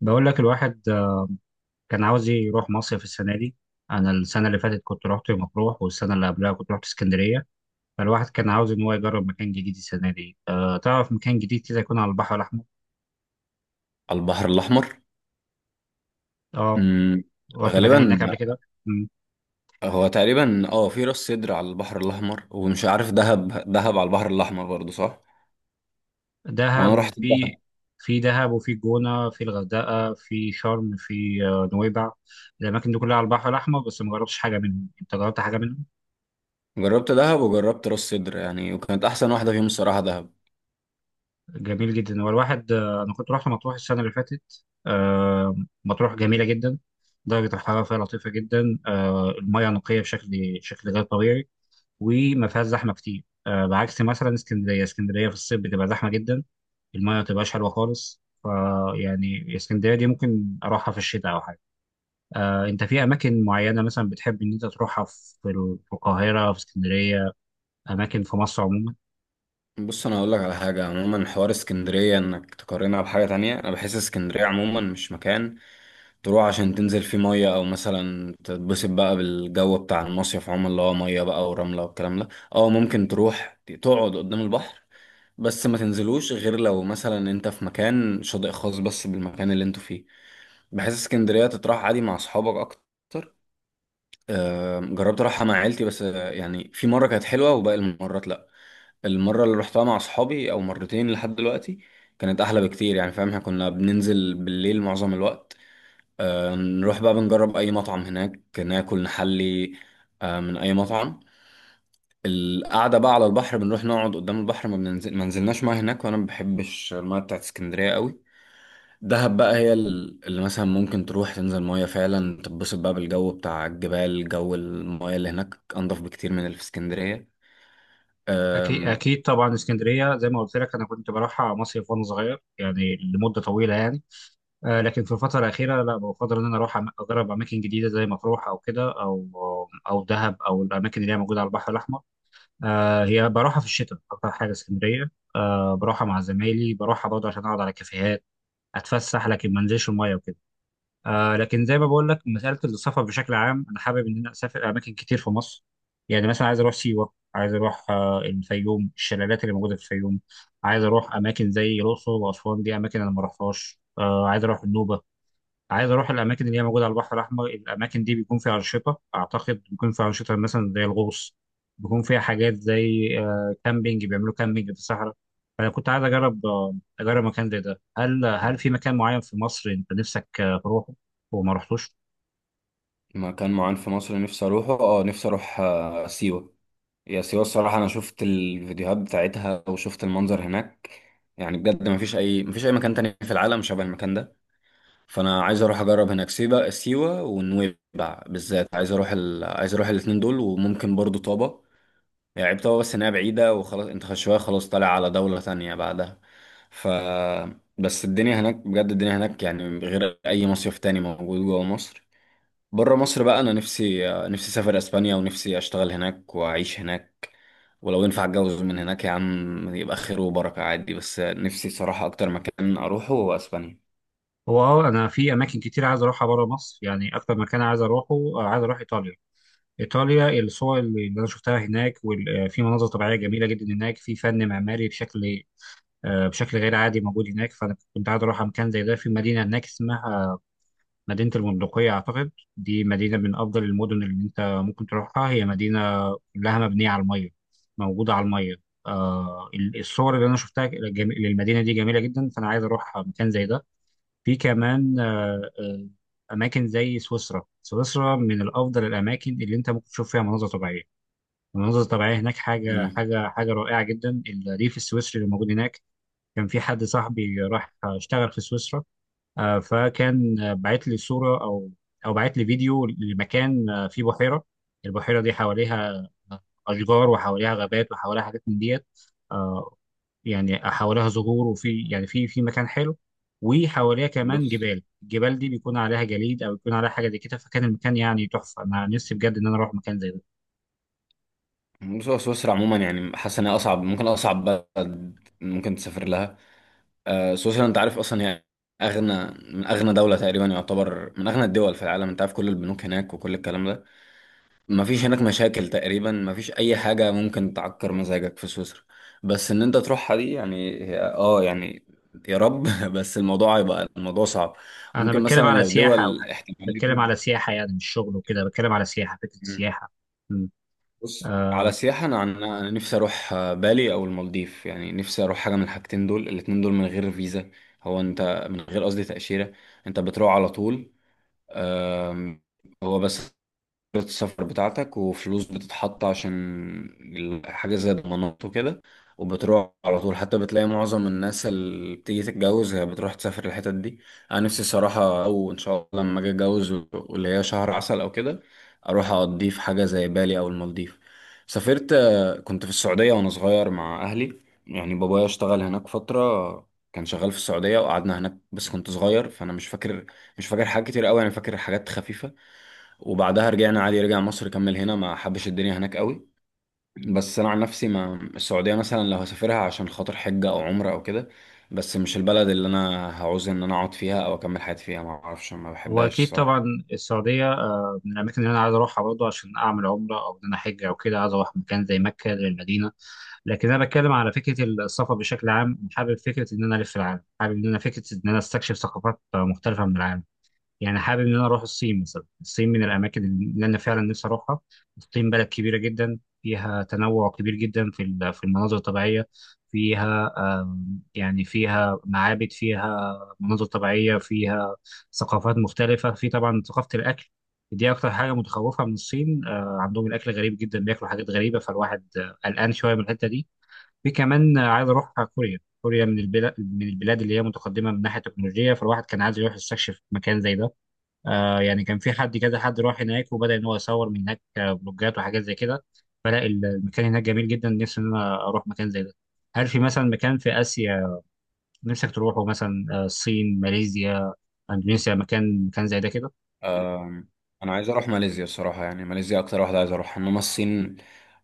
بقول لك الواحد كان عاوز يروح مصيف السنة دي. أنا السنة اللي فاتت كنت رحت مطروح، والسنة اللي قبلها كنت رحت اسكندرية. فالواحد كان عاوز إن هو يجرب مكان جديد السنة دي. تعرف، مكان جديد كده يكون على البحر الأحمر. على البحر الأحمر. أه. مم. رحت مكان غالبا. هناك قبل كده. مم. هو تقريبا في راس سدر على البحر الأحمر ومش عارف دهب. دهب على البحر الأحمر برضه صح؟ دهب وأنا رحت وفي دهب. في دهب وفي جونة، في الغردقة، في شرم، في نويبع. الأماكن دي كلها على البحر الأحمر، بس ما جربتش حاجة منهم. أنت جربت حاجة منهم؟ جربت دهب وجربت راس سدر يعني، وكانت أحسن واحدة فيهم الصراحة دهب. جميل جدا. هو الواحد انا كنت رحت مطروح السنه اللي فاتت. مطروح جميله جدا. درجه الحراره فيها لطيفه جدا، المياه نقيه شكل غير طبيعي. وما فيهاش زحمه كتير، بعكس مثلا اسكندريه. اسكندريه في الصيف بتبقى زحمه جدا، المياه ما بتبقاش حلوه خالص، فيعني اسكندريه دي ممكن اروحها في الشتاء او حاجه. انت في اماكن معينه مثلا بتحب ان انت تروحها، في في القاهره، في اسكندريه، اماكن في مصر عموما؟ بص أنا هقول لك على حاجة، عموما حوار اسكندرية إنك تقارنها بحاجة تانية، أنا بحس اسكندرية عموما مش مكان تروح عشان تنزل في مية، أو مثلا تتبسط بقى بالجو بتاع المصيف عموما اللي هو مية بقى ورملة والكلام ده. أو ممكن تروح تقعد قدام البحر، بس ما تنزلوش غير لو مثلا أنت في مكان شاطئ خاص بس بالمكان اللي أنتوا فيه. بحس اسكندرية تتراح عادي مع أصحابك أكتر. جربت أروحها مع عيلتي بس، يعني في مرة كانت حلوة وباقي المرات لأ. المرة اللي روحتها مع أصحابي أو مرتين لحد دلوقتي كانت أحلى بكتير، يعني فاهم، احنا كنا بننزل بالليل معظم الوقت، نروح بقى بنجرب اي مطعم هناك ناكل نحلي من اي مطعم. القعده بقى على البحر، بنروح نقعد قدام البحر، ما بننزل، ما نزلناش ميه هناك، وانا ما بحبش الميه بتاعت اسكندريه قوي. دهب بقى هي اللي مثلا ممكن تروح تنزل ميه فعلا، تتبسط بقى بالجو بتاع الجبال، جو الميه اللي هناك انضف بكتير من اللي في اسكندريه. أكيد آم، أكيد طبعا. اسكندرية زي ما قلت لك أنا كنت بروحها مصيف وأنا صغير يعني، لمدة طويلة يعني. لكن في الفترة الأخيرة لا، بفضل إن أنا أروح أجرب أماكن جديدة زي مطروح أو كده أو دهب أو الأماكن اللي هي موجودة على البحر الأحمر. هي بروحها في الشتاء أكتر حاجة اسكندرية، بروحها مع زمايلي، بروحها برضه عشان أقعد على كافيهات أتفسح، لكن ما أنزلش المية وكده. لكن زي ما بقول لك، مساله السفر بشكل عام انا حابب ان انا اسافر اماكن كتير في مصر. يعني مثلا عايز اروح سيوه، عايز اروح الفيوم، الشلالات اللي موجوده في الفيوم. عايز اروح اماكن زي الاقصر واسوان، دي اماكن انا ما رحتهاش. عايز اروح النوبه. عايز اروح الاماكن اللي هي موجوده على البحر الاحمر. الاماكن دي بيكون فيها انشطه اعتقد، بيكون فيها انشطه مثلا زي الغوص. بيكون فيها حاجات زي كامبينج، بيعملوا كامبينج في الصحراء. فانا كنت عايز اجرب مكان زي ده. هل في مكان معين في مصر انت نفسك تروحه وما رحتوش؟ مكان معين في مصر نفسي اروحه، اه نفسي اروح سيوه. يا سيوة الصراحة أنا شفت الفيديوهات بتاعتها وشفت المنظر هناك، يعني بجد مفيش أي مكان تاني في العالم شبه المكان ده. فأنا عايز أروح أجرب هناك، سيوة ونويبع بالذات، عايز أروح عايز أروح الاتنين دول، وممكن برضو طابة. يعني عيب طابة بس إنها بعيدة وخلاص، أنت شوية خلاص طالع على دولة تانية بعدها. ف بس الدنيا هناك بجد، الدنيا هناك يعني غير أي مصيف تاني موجود جوه مصر. بره مصر بقى، انا نفسي اسافر اسبانيا، ونفسي اشتغل هناك واعيش هناك، ولو ينفع اتجوز من هناك يا عم يبقى خير وبركة عادي. بس نفسي صراحة اكتر مكان اروحه هو اسبانيا. هو انا في اماكن كتير عايز اروحها بره مصر يعني، اكتر مكان عايز اروحه عايز اروح ايطاليا. ايطاليا، الصور اللي انا شفتها هناك، وفي مناظر طبيعيه جميله جدا هناك، في فن معماري بشكل غير عادي موجود هناك، فانا كنت عايز اروح مكان زي ده. في مدينه هناك اسمها مدينه البندقيه اعتقد، دي مدينه من افضل المدن اللي انت ممكن تروحها. هي مدينه كلها مبنيه على الميه، موجوده على الميه. الصور اللي انا شفتها للمدينه دي جميله جدا، فانا عايز اروح مكان زي ده. في كمان اماكن زي سويسرا. سويسرا من الافضل الاماكن اللي انت ممكن تشوف فيها مناظر طبيعيه. المناظر الطبيعيه هناك حاجه امم حاجه حاجه رائعه جدا. الريف السويسري اللي موجود هناك. كان في حد صاحبي راح اشتغل في سويسرا. فكان بعت لي صورة أو بعت لي فيديو لمكان فيه بحيرة. البحيرة دي حواليها أشجار، وحواليها غابات، وحواليها حاجات من ديت. آه، يعني حواليها زهور، وفي يعني في مكان حلو. وحواليها كمان بص جبال، الجبال دي بيكون عليها جليد أو بيكون عليها حاجة زي كده، فكان المكان يعني تحفة. أنا نفسي بجد إن أنا أروح مكان زي ده. بص، هو سويسرا عموما يعني حاسس انها اصعب، ممكن اصعب بلد ممكن تسافر لها. سويسرا انت عارف اصلا هي اغنى، من اغنى دولة تقريبا، يعتبر من اغنى الدول في العالم، انت عارف كل البنوك هناك وكل الكلام ده. مفيش هناك مشاكل تقريبا، مفيش اي حاجه ممكن تعكر مزاجك في سويسرا. بس ان انت تروحها دي يعني يعني يا رب بس الموضوع هيبقى، الموضوع صعب. أنا ممكن بتكلم مثلا على لو سياحة أو دول حاجة، بتكلم احتماليتي. على سياحة يعني مش شغل وكده، بتكلم على سياحة، فكرة مم. سياحة. بص على سياحه، انا انا نفسي اروح بالي او المالديف، يعني نفسي اروح حاجه من الحاجتين دول، الاتنين دول من غير فيزا. هو انت من غير قصدي تاشيره انت بتروح على طول. آم، هو بس السفر بتاعتك وفلوس بتتحط عشان حاجة زي ضمانات وكده، وبتروح على طول. حتى بتلاقي معظم الناس اللي بتيجي تتجوز هي بتروح تسافر الحتت دي. أنا نفسي صراحة، أو إن شاء الله لما أجي أتجوز واللي هي شهر عسل أو كده، أروح أقضيه في حاجة زي بالي أو المالديف. سافرت، كنت في السعودية وأنا صغير مع أهلي، يعني بابايا اشتغل هناك فترة، كان شغال في السعودية وقعدنا هناك، بس كنت صغير فأنا مش فاكر حاجات كتير أوي، أنا فاكر حاجات خفيفة. وبعدها رجعنا عادي، رجع مصر كمل هنا، ما حبش الدنيا هناك قوي. بس انا عن نفسي، ما السعوديه مثلا لو هسافرها عشان خاطر حجه او عمره او كده، بس مش البلد اللي انا هعوز ان انا اقعد فيها او اكمل حياتي فيها، ما اعرفش ما هو بحبهاش أكيد الصراحه. طبعا. السعودية من الأماكن اللي أنا عايز أروحها برضه عشان أعمل عمرة أو إن أنا أحج أو كده، عايز أروح مكان زي مكة، زي المدينة. لكن أنا بتكلم على فكرة السفر بشكل عام، حابب فكرة إن أنا ألف العالم، حابب إن أنا فكرة إن أنا أستكشف ثقافات مختلفة من العالم. يعني حابب ان انا اروح الصين مثلا. الصين من الاماكن اللي انا فعلا نفسي اروحها. الصين بلد كبيره جدا، فيها تنوع كبير جدا في في المناظر الطبيعيه، فيها يعني فيها معابد، فيها مناظر طبيعيه، فيها ثقافات مختلفه، في طبعا ثقافه الاكل. دي اكتر حاجه متخوفه من الصين، عندهم الاكل غريب جدا، بياكلوا حاجات غريبه، فالواحد قلقان شويه من الحته دي. في كمان عايز اروح كوريا. كوريا من البلاد اللي هي متقدمه من ناحيه التكنولوجيا، فالواحد كان عايز يروح يستكشف مكان زي ده. يعني كان في حد راح هناك وبدأ ان هو يصور من هناك بلوجات وحاجات زي كده. فلا المكان هناك جميل جدا، نفسي ان انا اروح مكان زي ده. هل في مثلا مكان في اسيا نفسك تروحه، مثلا الصين، ماليزيا، اندونيسيا، مكان زي ده كده؟ آم، انا عايز اروح ماليزيا الصراحه، يعني ماليزيا اكتر واحده عايز اروح، انما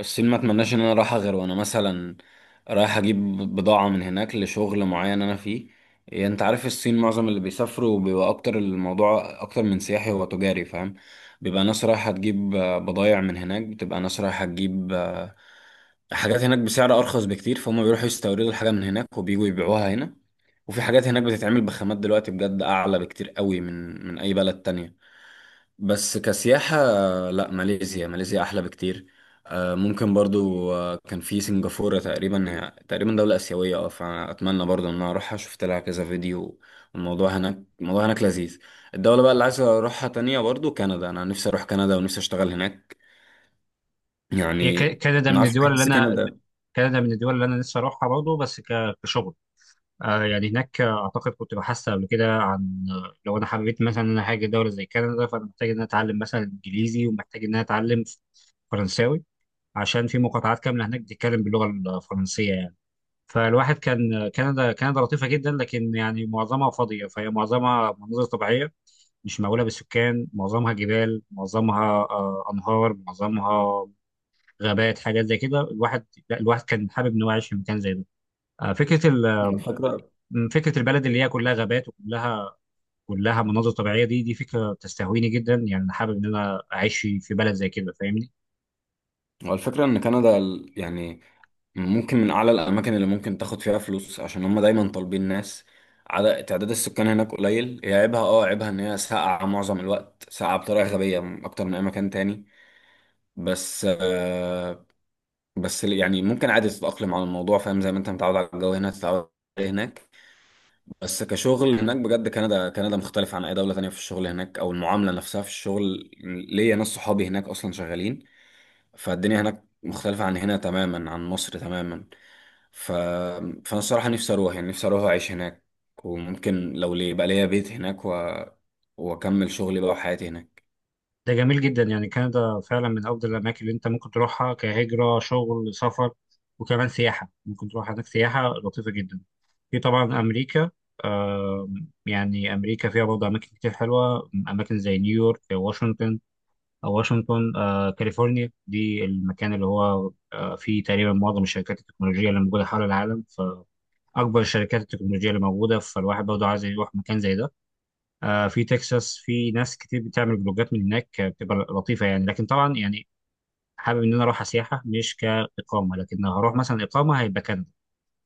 الصين ما اتمناش ان انا اروحها غير وانا مثلا رايح اجيب بضاعه من هناك لشغل معين انا فيه. يعني انت عارف الصين معظم اللي بيسافروا بيبقى اكتر، الموضوع اكتر من سياحي هو تجاري، فاهم، بيبقى ناس رايحه تجيب بضايع من هناك، بتبقى ناس رايحه تجيب حاجات هناك بسعر ارخص بكتير، فهم بيروحوا يستوردوا الحاجه من هناك وبييجوا يبيعوها هنا. وفي حاجات هناك بتتعمل بخامات دلوقتي بجد اعلى بكتير قوي من اي بلد تانية. بس كسياحة لا، ماليزيا أحلى بكتير. ممكن برضو، كان في سنغافورة تقريبا، هي تقريبا دولة آسيوية اه، فأتمنى برضو إن أنا أروحها، شفت لها كذا فيديو، والموضوع هناك الموضوع هناك لذيذ. الدولة بقى اللي عايز أروحها تانية برضو كندا، أنا نفسي أروح كندا ونفسي أشتغل هناك هي يعني. ما أعرفش، بحس كندا، كندا من الدول اللي انا نفسي اروحها برضه، بس كشغل. يعني هناك، اعتقد كنت بحثت قبل كده عن، لو انا حبيت مثلا ان انا هاجي دوله زي كندا، فانا محتاج ان انا اتعلم مثلا انجليزي، ومحتاج ان انا اتعلم فرنساوي، عشان في مقاطعات كامله هناك بتتكلم باللغه الفرنسيه يعني. فالواحد كان كندا، كندا لطيفه جدا، لكن يعني معظمها فاضيه، فهي معظمها مناظر طبيعيه مش مأهوله بالسكان، معظمها جبال، معظمها انهار، معظمها غابات، حاجات زي كده. الواحد لا، الواحد كان حابب انه يعيش في مكان زي ده. آه، فكره ال... الفكرة، فكره البلد اللي هي كلها غابات، وكلها مناظر طبيعيه، دي فكره تستهويني جدا يعني. أنا حابب ان انا اعيش في بلد زي كده، فاهمني؟ والفكرة إن كندا يعني ممكن من اعلى الاماكن اللي ممكن تاخد فيها فلوس، عشان هم دايما طالبين ناس، عدد تعداد السكان هناك قليل. هي عيبها اه، عيبها ان هي ساقعه معظم الوقت، ساقعه بطريقه غبيه اكتر من اي مكان تاني. بس آه، بس يعني ممكن عادي تتاقلم على الموضوع، فاهم، زي ما انت متعود على الجو هنا تتعود عليه هناك. بس كشغل هناك بجد، كندا مختلف عن اي دوله تانية، في الشغل هناك او المعامله نفسها في الشغل، ليا ناس صحابي هناك اصلا شغالين، فالدنيا هناك مختلفه عن هنا تماما، عن مصر تماما. فانا الصراحه نفسي اروح، يعني نفسي اروح اعيش هناك، وممكن لو ليه يبقى ليا بيت هناك واكمل شغلي بقى وحياتي هناك. ده جميل جدا يعني. كندا فعلا من افضل الاماكن اللي انت ممكن تروحها كهجره، شغل، سفر، وكمان سياحه، ممكن تروح هناك سياحه لطيفه جدا. في طبعا امريكا. آه يعني امريكا فيها برضه اماكن كتير حلوه، اماكن زي نيويورك، واشنطن كاليفورنيا، دي المكان اللي هو فيه تقريبا معظم الشركات التكنولوجيه اللي موجوده حول العالم، فاكبر الشركات التكنولوجيه اللي موجوده، فالواحد برضه عايز يروح مكان زي ده. في تكساس في ناس كتير بتعمل فلوجات من هناك، بتبقى لطيفه يعني، لكن طبعا يعني حابب ان انا اروح سياحه مش كاقامه. لكن لو هروح مثلا اقامه هيبقى كندا،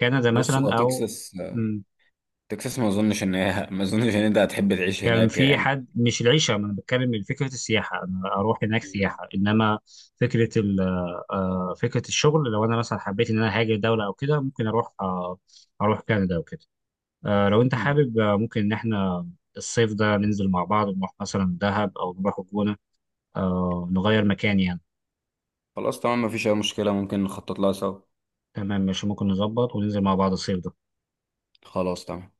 كندا بص مثلا هو او. تكساس، مم، تكساس ما اظنش ان هي ما اظنش ان انت هتحب تعيش كان هناك في يعني. حد. مش العيشه، ما انا بتكلم من فكره السياحه، انا اروح هناك مم. سياحه، انما فكره ال فكره الشغل، لو انا مثلا حبيت ان انا هاجر دوله او كده، ممكن اروح كندا وكده. لو انت مم. حابب، ممكن ان احنا الصيف ده ننزل مع بعض، نروح مثلا دهب او نروح الجونه، نغير مكان يعني. خلاص تمام، مفيش اي مشكله، ممكن نخطط لها سوا. تمام ماشي، ممكن نظبط وننزل مع بعض الصيف ده. خلاص تمام.